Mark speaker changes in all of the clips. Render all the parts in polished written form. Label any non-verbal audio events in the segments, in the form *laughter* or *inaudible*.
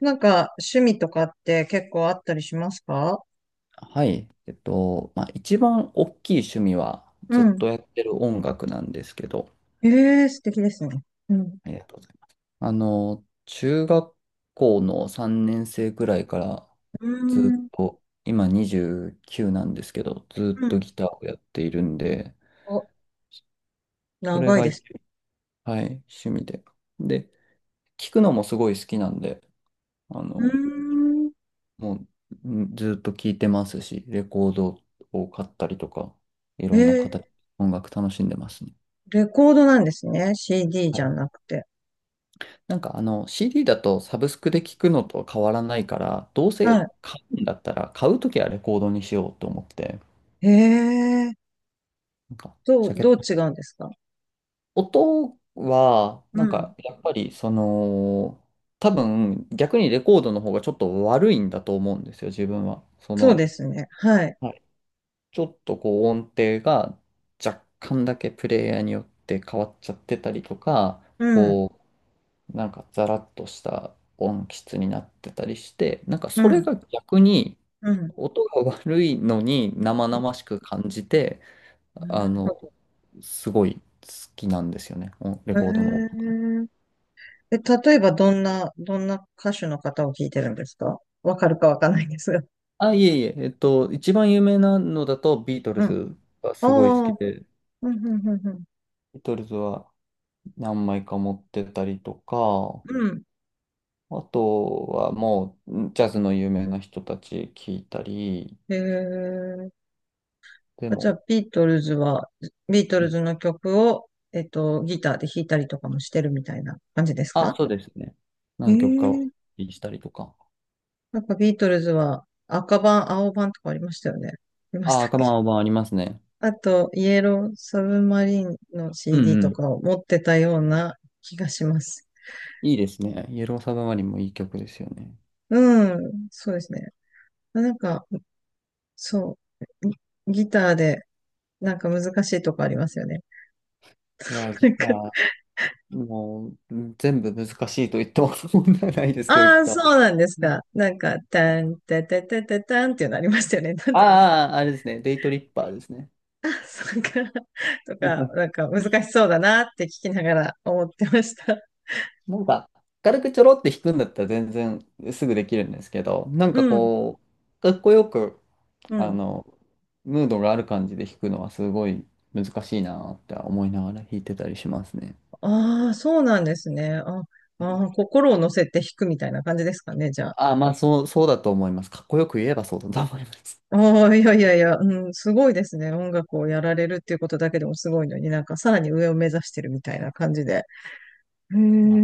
Speaker 1: なんか、趣味とかって結構あったりしますか？
Speaker 2: はい。一番大きい趣味は
Speaker 1: う
Speaker 2: ずっ
Speaker 1: ん。
Speaker 2: とやってる音楽なんですけど、
Speaker 1: ええー、素敵ですね。うん。
Speaker 2: ありがとうございます。中学校の3年生くらいから
Speaker 1: う
Speaker 2: ず
Speaker 1: ー
Speaker 2: っ
Speaker 1: ん。
Speaker 2: と、今29なんですけど、ず
Speaker 1: う
Speaker 2: っと
Speaker 1: ん。
Speaker 2: ギターをやっているんで、
Speaker 1: お、
Speaker 2: それ
Speaker 1: 長い
Speaker 2: が、は
Speaker 1: で
Speaker 2: い、
Speaker 1: す。
Speaker 2: 趣味で。で、聴くのもすごい好きなんで、あ
Speaker 1: うー
Speaker 2: の、
Speaker 1: ん。
Speaker 2: もうんずっと聴いてますし、レコードを買ったりとか、い
Speaker 1: え
Speaker 2: ろんな
Speaker 1: ー、
Speaker 2: 形、音楽楽しんでますね。
Speaker 1: レコードなんですね。CD
Speaker 2: は
Speaker 1: じゃ
Speaker 2: い。
Speaker 1: なくて。
Speaker 2: なんか CD だとサブスクで聞くのと変わらないから、どうせ
Speaker 1: は
Speaker 2: 買うんだったら買うときはレコードにしようと思って、
Speaker 1: い。ええー、
Speaker 2: なんか
Speaker 1: ど
Speaker 2: ジ
Speaker 1: う、
Speaker 2: ャケッ
Speaker 1: どう違
Speaker 2: ト。
Speaker 1: うんですか？
Speaker 2: 音は、
Speaker 1: う
Speaker 2: なん
Speaker 1: ん。
Speaker 2: かやっぱり多分逆にレコードの方がちょっと悪いんだと思うんですよ、自分は。
Speaker 1: そうですね。はい。
Speaker 2: はい、ちょっとこう音程が若干だけプレイヤーによって変わっちゃってたりとか、
Speaker 1: うん。
Speaker 2: こなんかザラッとした音質になってたりして、なんか
Speaker 1: う
Speaker 2: それ
Speaker 1: ん。
Speaker 2: が逆に
Speaker 1: うん。
Speaker 2: 音が悪いのに生
Speaker 1: う
Speaker 2: 々しく感じて、
Speaker 1: ん。な
Speaker 2: あ
Speaker 1: るほ
Speaker 2: の、
Speaker 1: ど。
Speaker 2: すごい好きなんですよね、レコードの音
Speaker 1: え
Speaker 2: が。
Speaker 1: ええ、例えばどんな歌手の方を聞いてるんですか？わかるかわかんないんですが。
Speaker 2: あ、いえいえ、一番有名なのだとビートル
Speaker 1: うん。あ
Speaker 2: ズが
Speaker 1: あ、
Speaker 2: す
Speaker 1: う
Speaker 2: ごい好き
Speaker 1: ん、
Speaker 2: で、
Speaker 1: うん、うん、うん。
Speaker 2: ビートルズは何枚か持ってたりとか、
Speaker 1: うん。
Speaker 2: あとはもうジャズの有名な人たち聞いたり、
Speaker 1: え
Speaker 2: で
Speaker 1: じゃ
Speaker 2: も、
Speaker 1: あ、ビートルズの曲を、ギターで弾いたりとかもしてるみたいな感じです
Speaker 2: あ、
Speaker 1: か？
Speaker 2: そうですね。
Speaker 1: へ
Speaker 2: 何曲かを
Speaker 1: え。
Speaker 2: したりとか。
Speaker 1: なんかビートルズは赤版、青版とかありましたよね。ありましたっ
Speaker 2: あ、カバ
Speaker 1: け？
Speaker 2: ンオーバーありますね。
Speaker 1: あと、イエローサブマリンの
Speaker 2: う
Speaker 1: CD
Speaker 2: んう
Speaker 1: と
Speaker 2: ん。
Speaker 1: かを持ってたような気がします。
Speaker 2: いいですね。イエローサブマリンもいい曲ですよね。
Speaker 1: うん、そうですね。なんか、そう、ギギターで、なんか難しいとこありますよね。
Speaker 2: いやー、ギ
Speaker 1: な
Speaker 2: タ
Speaker 1: んか、
Speaker 2: ー、もう全部難しいと言っても問題ないですけど、ギ
Speaker 1: ああ、
Speaker 2: ターは。
Speaker 1: そうなんです
Speaker 2: なん
Speaker 1: か。なんか、
Speaker 2: か、
Speaker 1: たん、たたたたたんっていうのありましたよね。*laughs* なんだか、
Speaker 2: ああ、あれですね。デイトリッパーですね。
Speaker 1: そうか、とか、なん
Speaker 2: *laughs*
Speaker 1: か難しそうだなって聞きながら思ってました。
Speaker 2: なんか、軽くちょろって弾くんだったら全然すぐできるんですけど、なん
Speaker 1: う
Speaker 2: か
Speaker 1: ん、
Speaker 2: こう、かっこよく
Speaker 1: う
Speaker 2: あ
Speaker 1: ん。
Speaker 2: の、ムードがある感じで弾くのはすごい難しいなって思いながら弾いてたりしますね。
Speaker 1: ああ、そうなんですね。
Speaker 2: はい。
Speaker 1: 心を乗せて弾くみたいな感じですかね、じゃあ。
Speaker 2: あ、そう、そうだと思います。かっこよく言えばそうだと思います。
Speaker 1: ああ、いやいやいや、うん、すごいですね。音楽をやられるっていうことだけでもすごいのに、なんかさらに上を目指してるみたいな感じで。へえ、
Speaker 2: まあ、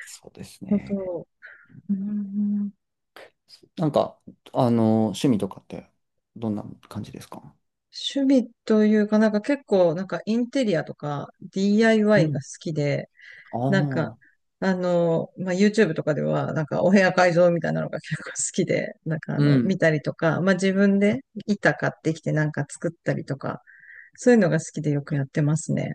Speaker 2: そうです
Speaker 1: 本
Speaker 2: ね。
Speaker 1: 当。うん。
Speaker 2: なんか、趣味とかってどんな感じですか？
Speaker 1: 趣味というか、なんか結構、なんかインテリアとか
Speaker 2: う
Speaker 1: DIY
Speaker 2: ん。
Speaker 1: が好きで、
Speaker 2: あ
Speaker 1: なんか、
Speaker 2: あ、
Speaker 1: あの、まあ、YouTube とかでは、なんかお部屋改造みたいなのが結構好きで、なんかあ
Speaker 2: う
Speaker 1: の、見
Speaker 2: ん。
Speaker 1: たりとか、まあ、自分で板買ってきてなんか作ったりとか、そういうのが好きでよくやってますね。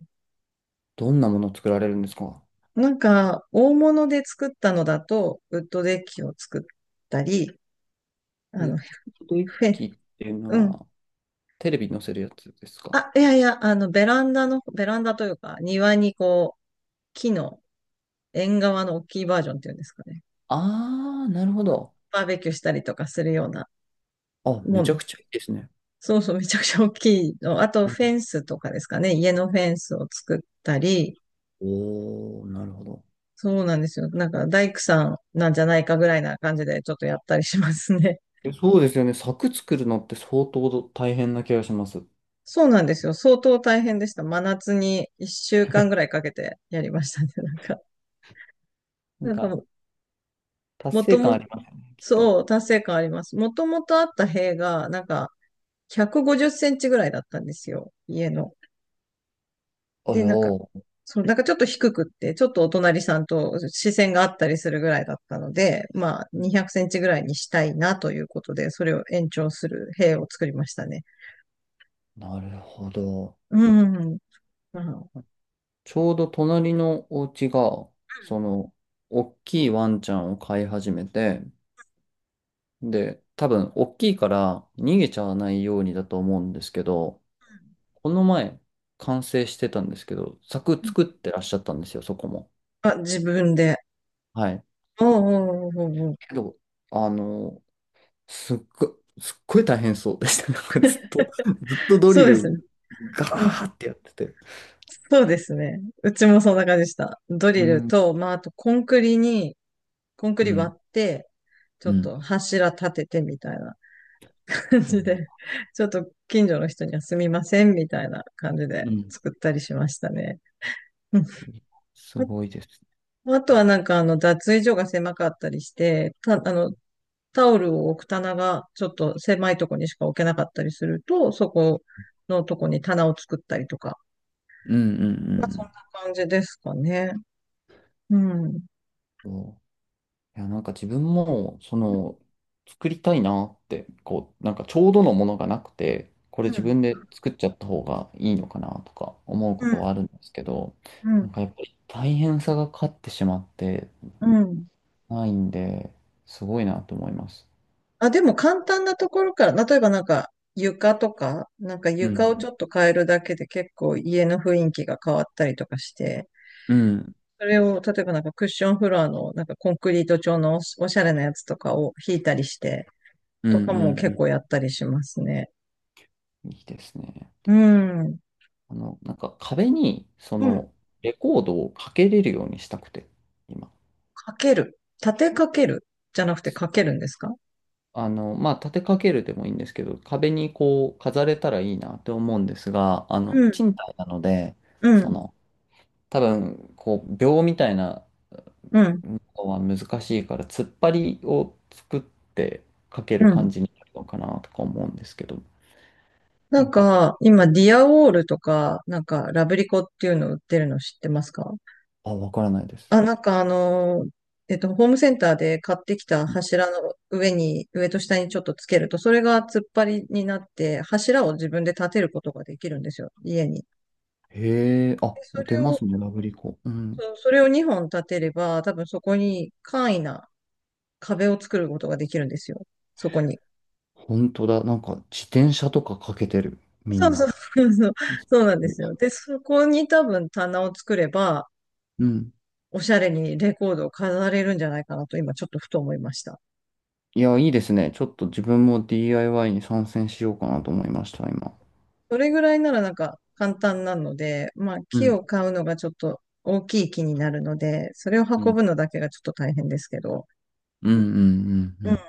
Speaker 2: どんなもの作られるんですか？
Speaker 1: なんか、大物で作ったのだと、ウッドデッキを作ったり、あ
Speaker 2: ウ
Speaker 1: の、
Speaker 2: ッドデッ
Speaker 1: フ
Speaker 2: キ
Speaker 1: ェ、
Speaker 2: っていうの
Speaker 1: うん。
Speaker 2: は、テレビに載せるやつですか？
Speaker 1: あ、いやいや、あの、ベランダの、ベランダというか、庭にこう、木の、縁側の大きいバージョンっていうんですかね。
Speaker 2: ああー、なるほど。
Speaker 1: バーベキューしたりとかするような
Speaker 2: あ、め
Speaker 1: も
Speaker 2: ちゃ
Speaker 1: ん。
Speaker 2: くちゃいいですね。
Speaker 1: そうそう、めちゃくちゃ大きいの。あと、
Speaker 2: うん。
Speaker 1: フェンスとかですかね。家のフェンスを作ったり、
Speaker 2: おー、なるほど。
Speaker 1: そうなんですよ。なんか、大工さんなんじゃないかぐらいな感じでちょっとやったりしますね。
Speaker 2: え、そうですよね。柵作るのって相当大変な気がします。
Speaker 1: *laughs* そうなんですよ。相当大変でした。真夏に1週間ぐらい
Speaker 2: *laughs*
Speaker 1: かけてやりましたね。*laughs* なんか、
Speaker 2: なん
Speaker 1: なんか
Speaker 2: か、
Speaker 1: も、
Speaker 2: 達
Speaker 1: もと
Speaker 2: 成感
Speaker 1: も、
Speaker 2: ありますよね、きっと。
Speaker 1: そう、達成感あります。もともとあった塀が、なんか、150センチぐらいだったんですよ。家の。
Speaker 2: あ
Speaker 1: で、なんか、
Speaker 2: よー、
Speaker 1: そう、なんかちょっと低くって、ちょっとお隣さんと視線があったりするぐらいだったので、まあ、
Speaker 2: うん、
Speaker 1: 200センチぐらいにしたいなということで、それを延長する塀を作りましたね。
Speaker 2: なるほど。
Speaker 1: うん。うん。
Speaker 2: ちょうど隣のお家が、その、大きいワンちゃんを飼い始めて、で、多分、大きいから逃げちゃわないようにだと思うんですけど、この前、完成してたんですけど、柵作ってらっしゃったんですよ、そこも。
Speaker 1: あ、自分で。
Speaker 2: はい。
Speaker 1: おうおうおうおうおう、
Speaker 2: けど、あの、すっごい大変そうでした。*laughs* なんかずっとド
Speaker 1: そ
Speaker 2: リ
Speaker 1: うで
Speaker 2: ル
Speaker 1: すね。
Speaker 2: ガ
Speaker 1: うん。
Speaker 2: ーってやってて。
Speaker 1: そうですね。うちもそんな感じでした。ドリ
Speaker 2: う
Speaker 1: ル
Speaker 2: ん、
Speaker 1: と、まあ、あとコンク
Speaker 2: う
Speaker 1: リ
Speaker 2: ん、
Speaker 1: 割って、ち
Speaker 2: う
Speaker 1: ょっ
Speaker 2: ん。
Speaker 1: と柱立ててみたいな感じで、ちょっと近所の人にはすみませんみたいな感じで
Speaker 2: うん。
Speaker 1: 作ったりしましたね。*laughs* うん。
Speaker 2: すごいです。
Speaker 1: ああ、とはなんか、あの、脱衣所が狭かったりして、あの、タオルを置く棚がちょっと狭いとこにしか置けなかったりすると、そこのとこに棚を作ったりとか。
Speaker 2: うんう
Speaker 1: まあそんな
Speaker 2: ん
Speaker 1: 感じですかね。うん。うん。
Speaker 2: うん。そう、いや、なんか自分も、作りたいなって、こう、なんかちょうどのものがなくて、これ自分で作っちゃった方がいいのかなとか思うこ
Speaker 1: うん。
Speaker 2: とはあるんですけど、
Speaker 1: う
Speaker 2: な
Speaker 1: ん。
Speaker 2: んかやっぱり大変さが勝ってしまって
Speaker 1: うん。
Speaker 2: ないんで、すごいなと思います。
Speaker 1: あ、でも簡単なところから、例えばなんか床とか、なんか
Speaker 2: う
Speaker 1: 床
Speaker 2: ん
Speaker 1: をちょっと変えるだけで結構家の雰囲気が変わったりとかして、
Speaker 2: うん、
Speaker 1: それを例えばなんかクッションフロアのなんかコンクリート調のおしおしゃれなやつとかを引いたりして、
Speaker 2: う
Speaker 1: と
Speaker 2: ん、う
Speaker 1: かも
Speaker 2: ん、う
Speaker 1: 結
Speaker 2: ん、
Speaker 1: 構やったりしますね。
Speaker 2: いいですね。
Speaker 1: うん。
Speaker 2: なんか壁に、
Speaker 1: うん。
Speaker 2: レコードをかけれるようにしたくて、今。
Speaker 1: かける。立てかけるじゃなくてかけるんですか？
Speaker 2: 立てかけるでもいいんですけど、壁にこう、飾れたらいいなって思うんですが、
Speaker 1: うん。
Speaker 2: 賃貸なので、
Speaker 1: うん。
Speaker 2: その、多分、こう、秒みたいな
Speaker 1: うん。
Speaker 2: のは難しいから、突っ張りを作ってかけ
Speaker 1: う
Speaker 2: る
Speaker 1: ん。
Speaker 2: 感じになるのかなとか思うんですけど、
Speaker 1: な
Speaker 2: な
Speaker 1: ん
Speaker 2: んか、
Speaker 1: か、今、ディアウォールとか、なんか、ラブリコっていうの売ってるの知ってますか？
Speaker 2: あ、わからないです。
Speaker 1: あ、なんかホームセンターで買ってきた柱の上に、上と下にちょっとつけると、それが突っ張りになって、柱を自分で立てることができるんですよ、家に。
Speaker 2: へえ、
Speaker 1: で
Speaker 2: あ、
Speaker 1: そ
Speaker 2: 出
Speaker 1: れ
Speaker 2: ま
Speaker 1: を、
Speaker 2: すね、ラブリコ。うん。
Speaker 1: そう、それを2本立てれば、多分そこに簡易な壁を作ることができるんですよ、そこに。
Speaker 2: 本当だ。なんか自転車とかかけてる。み
Speaker 1: そ
Speaker 2: ん
Speaker 1: うそう、
Speaker 2: な。
Speaker 1: そうそう、そうなんですよ。で、そこに多分棚を作れば、
Speaker 2: うん。
Speaker 1: おしゃれにレコードを飾れるんじゃないかなと、今ちょっとふと思いました。
Speaker 2: いや、いいですね。ちょっと自分も DIY に参戦しようかなと思いました、今。
Speaker 1: それぐらいならなんか簡単なので、まあ
Speaker 2: う
Speaker 1: 木
Speaker 2: ん、
Speaker 1: を買うのがちょっと大きい木になるので、それを
Speaker 2: う
Speaker 1: 運
Speaker 2: ん。
Speaker 1: ぶのだけがちょっと大変ですけど、
Speaker 2: うんうんうんうん。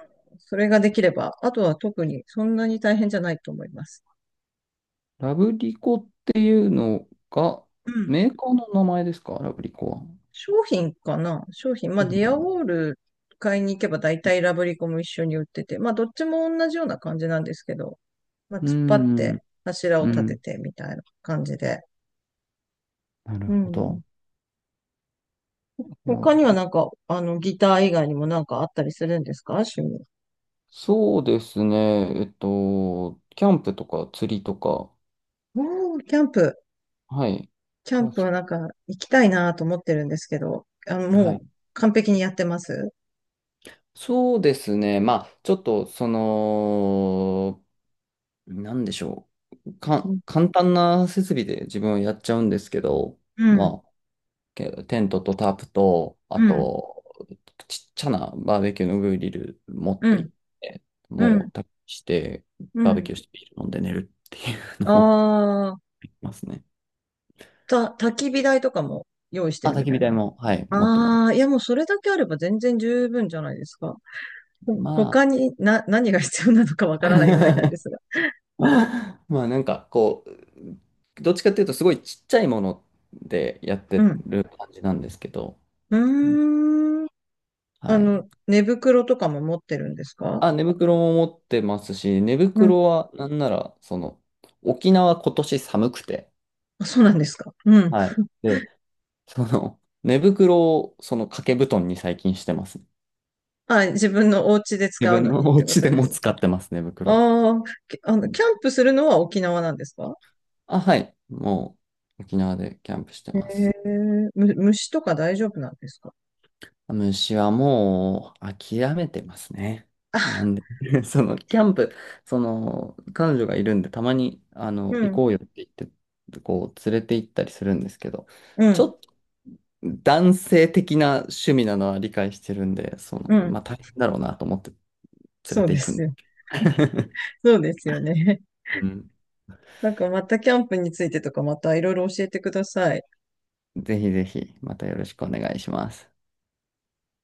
Speaker 1: それができれば、あとは特にそんなに大変じゃないと思います。
Speaker 2: ラブリコっていうのが、
Speaker 1: うん。
Speaker 2: メーカーの名前ですか？ラブリコは。
Speaker 1: 商品かな、商品。まあ
Speaker 2: そう
Speaker 1: ディ
Speaker 2: な
Speaker 1: アウ
Speaker 2: の、
Speaker 1: ォール買いに行けば大体ラブリコも一緒に売ってて、まあどっちも同じような感じなんですけど、まあ
Speaker 2: う
Speaker 1: 突っ張っ
Speaker 2: ん、
Speaker 1: て柱を
Speaker 2: う
Speaker 1: 立て
Speaker 2: ん。
Speaker 1: てみたいな感じで。
Speaker 2: なる
Speaker 1: う
Speaker 2: ほ
Speaker 1: ん。
Speaker 2: ど。いや、
Speaker 1: 他にはなんか、あの、ギター以外にもなんかあったりするんですか、趣味。
Speaker 2: そうですね。キャンプとか釣りとか、
Speaker 1: おー、キャンプ。
Speaker 2: はい。
Speaker 1: キャン
Speaker 2: が、
Speaker 1: プはなんか行きたいなと思ってるんですけど、あの、
Speaker 2: は
Speaker 1: も
Speaker 2: い。
Speaker 1: う完璧にやってます。
Speaker 2: そうですね。ちょっと、なんでしょう。
Speaker 1: うん、
Speaker 2: 簡単な設備で自分はやっちゃうんですけど、
Speaker 1: うん、
Speaker 2: まあ、テントとタープと、あ
Speaker 1: うん、
Speaker 2: と、ちっちゃなバーベキューのグリル持っ
Speaker 1: う
Speaker 2: て行
Speaker 1: ん、
Speaker 2: って、
Speaker 1: うん。
Speaker 2: もう焚き火して、
Speaker 1: う
Speaker 2: バーベ
Speaker 1: ん。
Speaker 2: キューしてビール飲んで寝るっていうのも
Speaker 1: ああ、
Speaker 2: *laughs* できますね。
Speaker 1: 焚き火台とかも用意して
Speaker 2: あ、
Speaker 1: る
Speaker 2: 焚
Speaker 1: み
Speaker 2: き
Speaker 1: た
Speaker 2: 火
Speaker 1: いな。
Speaker 2: 台も、はい、持ってます。
Speaker 1: ああ、いやもうそれだけあれば全然十分じゃないですか。ほ
Speaker 2: まあ、
Speaker 1: 他にな、*laughs* 何が必要なのかわからないぐらいなんで
Speaker 2: *laughs*
Speaker 1: すが。
Speaker 2: *laughs* なんかこう、どっちかっていうとすごいちっちゃいものでやっ
Speaker 1: う
Speaker 2: て
Speaker 1: ん。
Speaker 2: る感じなんですけど、
Speaker 1: う
Speaker 2: うん、
Speaker 1: ーん。
Speaker 2: は
Speaker 1: あ
Speaker 2: い。
Speaker 1: の、寝袋とかも持ってるんですか？
Speaker 2: あ、寝袋も持ってますし、寝
Speaker 1: うん。
Speaker 2: 袋はなんなら、沖縄今年寒くて、
Speaker 1: あ、そうなんですか。うん。
Speaker 2: はい。で、寝袋をその掛け布団に最近してます。
Speaker 1: あ、自分のお家で
Speaker 2: 自
Speaker 1: 使う
Speaker 2: 分
Speaker 1: の
Speaker 2: の
Speaker 1: にっ
Speaker 2: お
Speaker 1: てこ
Speaker 2: 家
Speaker 1: と
Speaker 2: で
Speaker 1: で
Speaker 2: も
Speaker 1: す。
Speaker 2: 使ってます、寝袋、
Speaker 1: ああ、あ
Speaker 2: う
Speaker 1: の、
Speaker 2: ん、
Speaker 1: キャンプするのは沖縄なんですか？
Speaker 2: あ、はい。もう沖縄でキャンプして
Speaker 1: へ
Speaker 2: ます。
Speaker 1: え、虫とか大丈夫なんですか？
Speaker 2: 虫はもう諦めてますね。な
Speaker 1: あ、
Speaker 2: んで、*laughs* そのキャンプ、その彼女がいるんで、たまに
Speaker 1: う
Speaker 2: 行
Speaker 1: ん、
Speaker 2: こうよって言って、こう連れて行ったりするんですけど、
Speaker 1: う
Speaker 2: ちょ
Speaker 1: ん、
Speaker 2: っと男性的な趣味なのは理解してるんで、
Speaker 1: うん。
Speaker 2: まあ大変だろうなと思って連れ
Speaker 1: そう
Speaker 2: て
Speaker 1: で
Speaker 2: 行くん
Speaker 1: す
Speaker 2: で。
Speaker 1: よ。
Speaker 2: *laughs*
Speaker 1: そうですよね。*laughs*
Speaker 2: うん、
Speaker 1: なんかまたキャンプについてとかまたいろいろ教えてください。
Speaker 2: ぜひぜひ、またよろしくお願いします。